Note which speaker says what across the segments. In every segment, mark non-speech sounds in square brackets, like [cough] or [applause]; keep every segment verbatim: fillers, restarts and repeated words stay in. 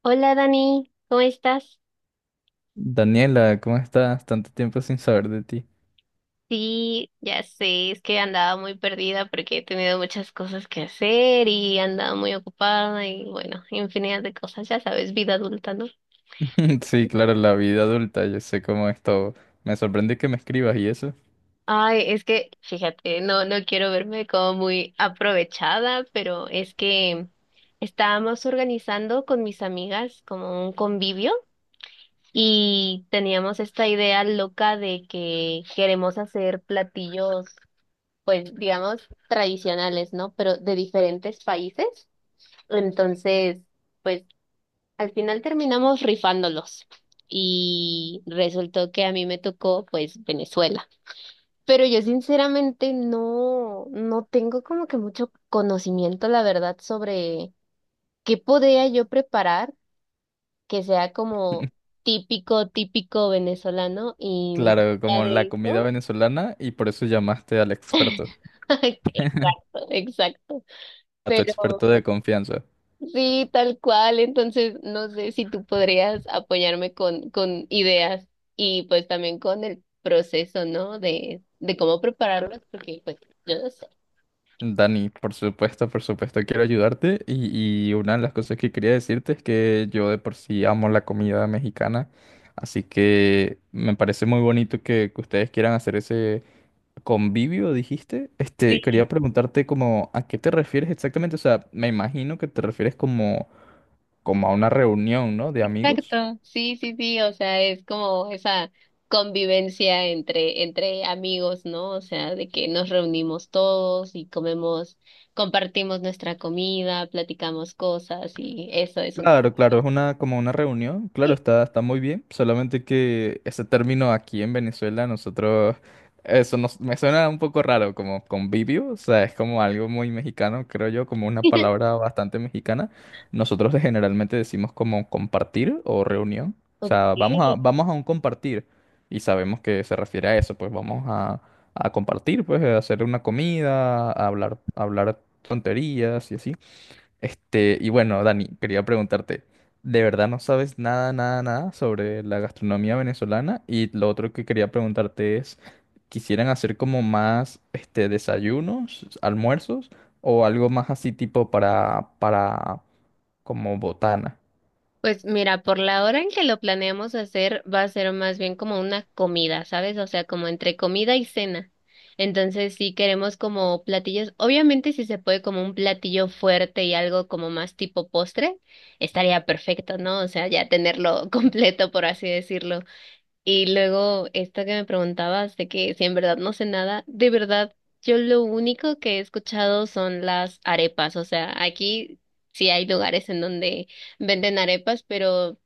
Speaker 1: Hola Dani, ¿cómo estás?
Speaker 2: Daniela, ¿cómo estás? Tanto tiempo sin saber de ti.
Speaker 1: Sí, ya sé, es que andaba muy perdida porque he tenido muchas cosas que hacer y andaba muy ocupada y bueno, infinidad de cosas, ya sabes, vida adulta, ¿no?
Speaker 2: [laughs] Sí, claro, la vida adulta, yo sé cómo es todo. Me sorprende que me escribas y eso.
Speaker 1: Ay, es que, fíjate, no, no quiero verme como muy aprovechada, pero es que estábamos organizando con mis amigas como un convivio y teníamos esta idea loca de que queremos hacer platillos pues digamos, tradicionales, ¿no? Pero de diferentes países. Entonces, pues al final terminamos rifándolos y resultó que a mí me tocó, pues, Venezuela. Pero yo sinceramente no, no tengo como que mucho conocimiento, la verdad, sobre qué podría yo preparar que sea como
Speaker 2: [laughs]
Speaker 1: típico, típico venezolano y más
Speaker 2: Claro,
Speaker 1: allá
Speaker 2: como
Speaker 1: de
Speaker 2: la comida
Speaker 1: eso.
Speaker 2: venezolana y por eso llamaste al experto,
Speaker 1: [laughs]
Speaker 2: [laughs]
Speaker 1: Exacto, exacto.
Speaker 2: a tu
Speaker 1: Pero
Speaker 2: experto de confianza.
Speaker 1: sí, tal cual. Entonces, no sé si tú podrías apoyarme con, con ideas y pues también con el proceso, ¿no? De, de cómo prepararlos, porque pues yo no sé.
Speaker 2: Dani, por supuesto, por supuesto, quiero ayudarte y, y una de las cosas que quería decirte es que yo de por sí amo la comida mexicana, así que me parece muy bonito que, que ustedes quieran hacer ese convivio, dijiste. Este,
Speaker 1: Sí,
Speaker 2: quería preguntarte como a qué te refieres exactamente. O sea, me imagino que te refieres como, como a una reunión, ¿no? De amigos.
Speaker 1: exacto. Sí, sí, sí. O sea, es como esa convivencia entre, entre amigos, ¿no? O sea, de que nos reunimos todos y comemos, compartimos nuestra comida, platicamos cosas y eso es un...
Speaker 2: Claro, claro, es una como una reunión, claro, está, está muy bien, solamente que ese término aquí en Venezuela nosotros, eso nos, me suena un poco raro, como convivio, o sea, es como algo muy mexicano, creo yo, como una
Speaker 1: [laughs]
Speaker 2: palabra bastante mexicana. Nosotros de- generalmente decimos como compartir o reunión, o
Speaker 1: Ok.
Speaker 2: sea, vamos a, vamos a un compartir y sabemos que se refiere a eso, pues vamos a, a compartir, pues a hacer una comida, a hablar, a hablar tonterías y así. Este, y bueno, Dani, quería preguntarte, ¿de verdad no sabes nada, nada, nada sobre la gastronomía venezolana? Y lo otro que quería preguntarte es, ¿quisieran hacer como más, este, desayunos, almuerzos o algo más así tipo para, para, como botana?
Speaker 1: Pues mira, por la hora en que lo planeamos hacer, va a ser más bien como una comida, ¿sabes? O sea, como entre comida y cena. Entonces, sí queremos como platillos, obviamente si se puede como un platillo fuerte y algo como más tipo postre, estaría perfecto, ¿no? O sea, ya tenerlo [laughs] completo, por así decirlo. Y luego, esto que me preguntabas de que si en verdad no sé nada, de verdad, yo lo único que he escuchado son las arepas. O sea, aquí sí hay lugares en donde venden arepas, pero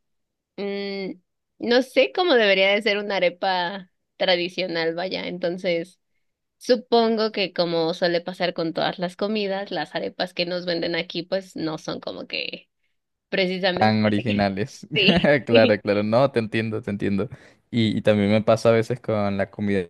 Speaker 1: mm, no sé cómo debería de ser una arepa tradicional, vaya. Entonces, supongo que como suele pasar con todas las comidas, las arepas que nos venden aquí, pues no son como que precisamente.
Speaker 2: Tan
Speaker 1: [laughs]
Speaker 2: originales.
Speaker 1: Sí.
Speaker 2: [laughs]
Speaker 1: [laughs]
Speaker 2: Claro, claro, no, te entiendo, te entiendo. Y, y también me pasa a veces con la comida.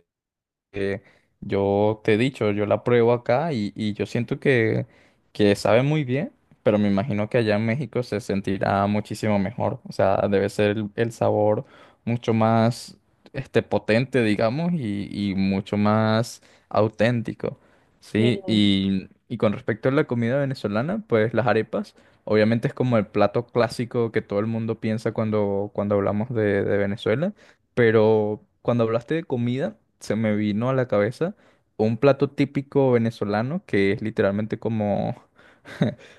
Speaker 2: Que yo te he dicho, yo la pruebo acá y, y yo siento que, que sabe muy bien, pero me imagino que allá en México se sentirá muchísimo mejor. O sea, debe ser el, el sabor mucho más este, potente, digamos, y, y mucho más auténtico. Sí, y, y con respecto a la comida venezolana, pues las arepas, obviamente es como el plato clásico que todo el mundo piensa cuando, cuando hablamos de de Venezuela. Pero cuando hablaste de comida, se me vino a la cabeza un plato típico venezolano que es literalmente como,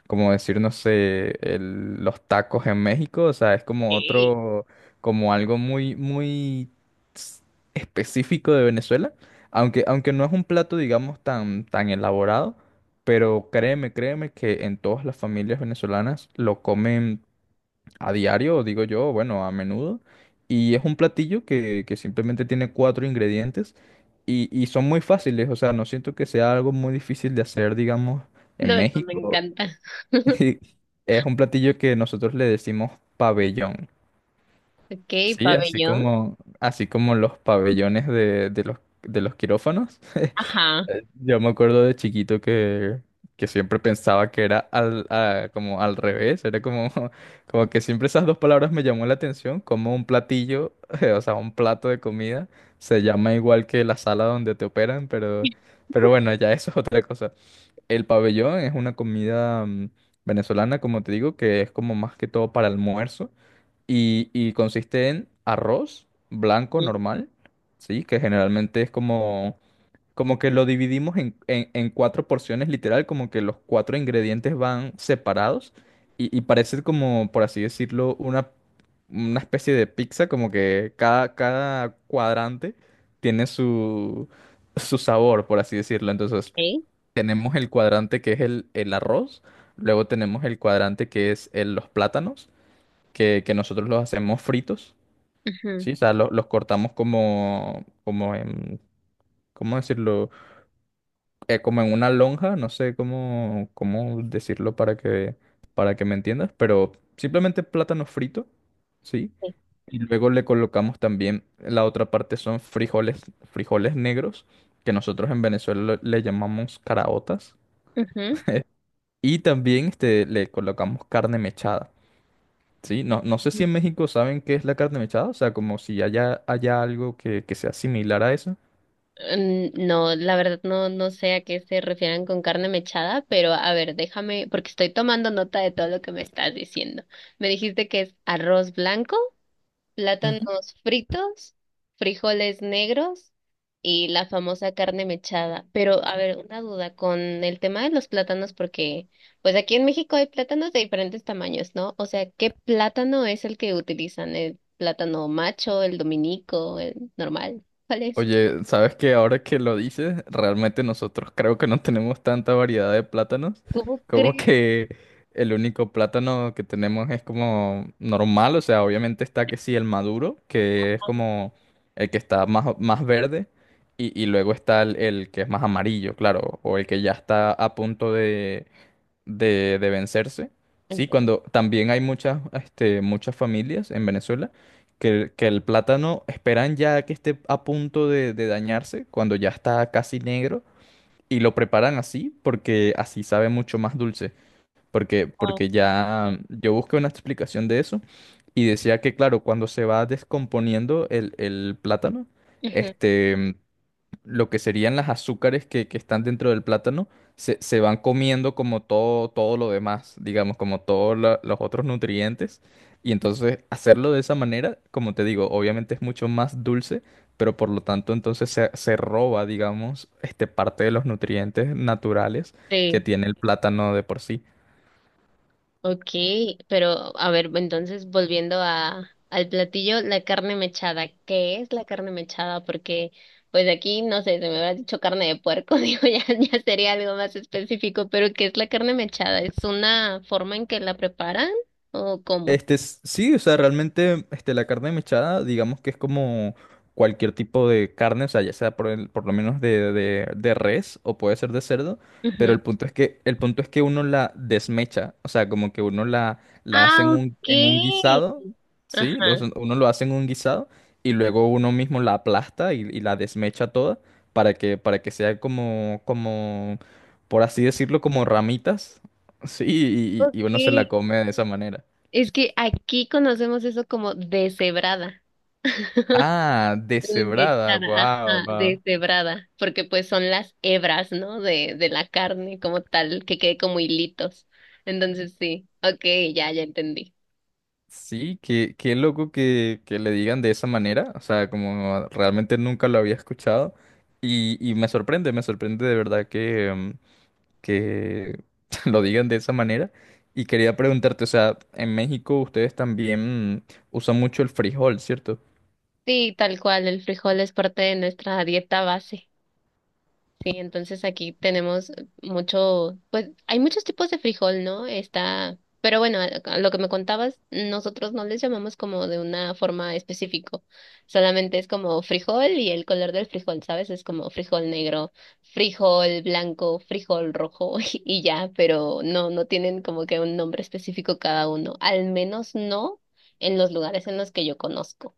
Speaker 2: como decir, no sé, el- los tacos en México. O sea, es como
Speaker 1: Sí.
Speaker 2: otro, como algo muy, muy s- específico de Venezuela. Aunque, aunque no es un plato, digamos, tan, tan elaborado. Pero créeme, créeme que en todas las familias venezolanas lo comen a diario, digo yo, bueno, a menudo. Y es un platillo que, que simplemente tiene cuatro ingredientes y, y son muy fáciles, o sea, no siento que sea algo muy difícil de hacer, digamos,
Speaker 1: No,
Speaker 2: en
Speaker 1: eso me
Speaker 2: México.
Speaker 1: encanta.
Speaker 2: [laughs]
Speaker 1: [laughs]
Speaker 2: Y es un platillo que nosotros le decimos pabellón,
Speaker 1: Ok,
Speaker 2: ¿sí? Así
Speaker 1: pabellón.
Speaker 2: como, así como los pabellones de, de los, de los quirófanos.
Speaker 1: Ajá.
Speaker 2: Yo me acuerdo de chiquito que, que siempre pensaba que era al, a- como al revés, era como, [laughs] como que siempre esas dos palabras me llamó la atención, como un platillo, [laughs] o sea, un plato de comida, se llama igual que la sala donde te operan, pero, pero bueno, ya eso es otra cosa. El pabellón es una comida mm, venezolana, como te digo, que es como más que todo para almuerzo y, y consiste en arroz blanco
Speaker 1: Mm,
Speaker 2: normal, ¿sí? Que generalmente es como... Como que lo dividimos en, en- en cuatro porciones, literal, como que los cuatro ingredientes van separados y, y parece como, por así decirlo, una, una especie de pizza, como que cada, cada cuadrante tiene su, su sabor, por así decirlo. Entonces,
Speaker 1: ok,
Speaker 2: tenemos el cuadrante que es el, el arroz, luego tenemos el cuadrante que es el- los plátanos, que, que nosotros los hacemos fritos,
Speaker 1: ujú,
Speaker 2: ¿sí? O sea, lo- los cortamos como, como en, ¿cómo decirlo? Eh, como en una lonja, no sé cómo, cómo decirlo para que, para que me entiendas, pero simplemente plátano frito, ¿sí?
Speaker 1: sí,
Speaker 2: Y luego le colocamos también, la otra parte son frijoles, frijoles negros, que nosotros en Venezuela lo- le llamamos caraotas.
Speaker 1: ujú,
Speaker 2: [laughs] Y también este, le colocamos carne mechada, ¿sí? No, no sé
Speaker 1: ujú.
Speaker 2: si en México saben qué es la carne mechada, o sea, como si haya, haya algo que, que sea similar a eso.
Speaker 1: Mm, no, la verdad no, no sé a qué se refieren con carne mechada, pero a ver, déjame, porque estoy tomando nota de todo lo que me estás diciendo. Me dijiste que es arroz blanco, plátanos fritos, frijoles negros y la famosa carne mechada. Pero, a ver, una duda con el tema de los plátanos, porque pues aquí en México hay plátanos de diferentes tamaños, ¿no? O sea, ¿qué plátano es el que utilizan? ¿El plátano macho, el dominico, el normal? ¿Cuál es?
Speaker 2: Oye, ¿sabes qué? Ahora que lo dices, realmente nosotros creo que no tenemos tanta variedad de plátanos.
Speaker 1: ¿Cómo
Speaker 2: Como
Speaker 1: crees?
Speaker 2: que el único plátano que tenemos es como normal, o sea, obviamente está que sí el maduro, que es como el que está más, más verde, y, y luego está el, el que es más amarillo, claro, o el que ya está a punto de, de vencerse. Sí, cuando también hay muchas, este, muchas familias en Venezuela que, que el plátano esperan ya que esté a punto de, de dañarse, cuando ya está casi negro, y lo preparan así porque así sabe mucho más dulce. Porque,
Speaker 1: Wow.
Speaker 2: porque ya yo busqué una explicación de eso y decía que, claro, cuando se va descomponiendo el, el plátano,
Speaker 1: Ujú.
Speaker 2: este, lo que serían las azúcares que, que están dentro del plátano se, se van comiendo como todo, todo lo demás, digamos, como todos la- los otros nutrientes. Y entonces hacerlo de esa manera, como te digo, obviamente es mucho más dulce, pero por lo tanto entonces se, se roba, digamos, este, parte de los nutrientes naturales que
Speaker 1: Sí.
Speaker 2: tiene el plátano de por sí.
Speaker 1: Okay, pero a ver, entonces volviendo a, al platillo, la carne mechada. ¿Qué es la carne mechada? Porque pues aquí, no sé, se me hubiera dicho carne de puerco, [laughs] digo, ya, ya sería algo más específico, pero ¿qué es la carne mechada? ¿Es una forma en que la preparan o cómo?
Speaker 2: Este, s- sí, o sea, realmente este, la carne mechada, digamos que es como cualquier tipo de carne, o sea, ya sea por, el- por lo menos de, de- de res o puede ser de cerdo, pero
Speaker 1: Ujú.
Speaker 2: el punto es que, el punto es que uno la desmecha, o sea, como que uno la, la hace en
Speaker 1: Ah,
Speaker 2: un, en un
Speaker 1: okay.
Speaker 2: guisado, ¿sí? Lo
Speaker 1: Ajá.
Speaker 2: hacen, uno lo hace en un guisado y luego uno mismo la aplasta y, y la desmecha toda para que, para que sea como, como, por así decirlo, como ramitas, [laughs] ¿sí? y y- y uno se la
Speaker 1: Okay.
Speaker 2: come de esa manera.
Speaker 1: Es que aquí conocemos eso como deshebrada. [laughs]
Speaker 2: Ah, deshebrada,
Speaker 1: Limitada,
Speaker 2: wow,
Speaker 1: ajá,
Speaker 2: wow.
Speaker 1: deshebrada, porque pues son las hebras, ¿no? De, de la carne como tal, que quede como hilitos. Entonces sí, ok, ya, ya entendí.
Speaker 2: Sí, qué, qué loco que, que le digan de esa manera, o sea, como realmente nunca lo había escuchado y, y me sorprende, me sorprende de verdad que, em, que [laughs] lo digan de esa manera. Y quería preguntarte, o sea, en México ustedes también usan mucho el frijol, ¿cierto?
Speaker 1: Sí, tal cual, el frijol es parte de nuestra dieta base. Sí, entonces aquí tenemos mucho, pues hay muchos tipos de frijol, ¿no? Está, pero bueno, a- a lo que me contabas, nosotros no les llamamos como de una forma específico, solamente es como frijol y el color del frijol, ¿sabes? Es como frijol negro, frijol blanco, frijol rojo [laughs] y y ya, pero no, no tienen como que un nombre específico cada uno, al menos no en los lugares en los que yo conozco.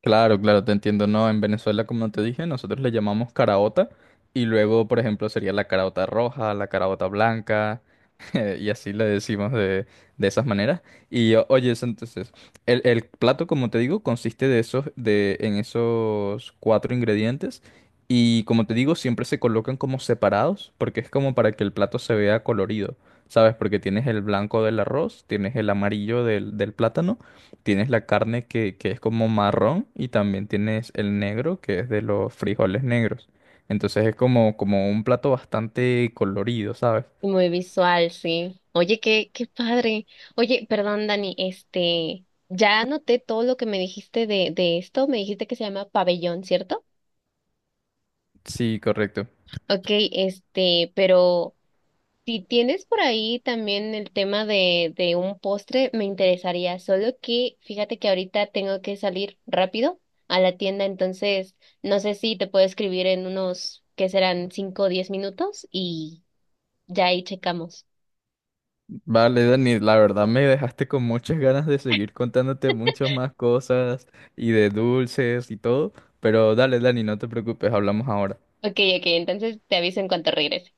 Speaker 2: Claro, claro, te entiendo. No, en Venezuela, como te dije, nosotros le llamamos caraota y luego, por ejemplo, sería la caraota roja, la caraota blanca [laughs] y así le decimos de, de esas maneras. Y o- oye, es entonces, el, el plato, como te digo, consiste de esos, de, en esos cuatro ingredientes y, como te digo, siempre se colocan como separados porque es como para que el plato se vea colorido, ¿sabes? Porque tienes el blanco del arroz, tienes el amarillo del del plátano. Tienes la carne que, que es como marrón y también tienes el negro que es de los frijoles negros. Entonces es como, como un plato bastante colorido, ¿sabes?
Speaker 1: Y muy visual, sí. Oye, qué, qué padre. Oye, perdón, Dani, este, ya anoté todo lo que me dijiste de, de esto. Me dijiste que se llama pabellón, ¿cierto?
Speaker 2: Sí, correcto.
Speaker 1: Ok, este, pero si tienes por ahí también el tema de, de un postre, me interesaría. Solo que fíjate que ahorita tengo que salir rápido a la tienda, entonces no sé si te puedo escribir en unos, que serán cinco o diez minutos y ya ahí checamos.
Speaker 2: Vale, Dani, la verdad me dejaste con muchas ganas de seguir contándote muchas más cosas y de dulces y todo, pero dale, Dani, no te preocupes, hablamos ahora.
Speaker 1: Ok, ok, entonces te aviso en cuanto regrese.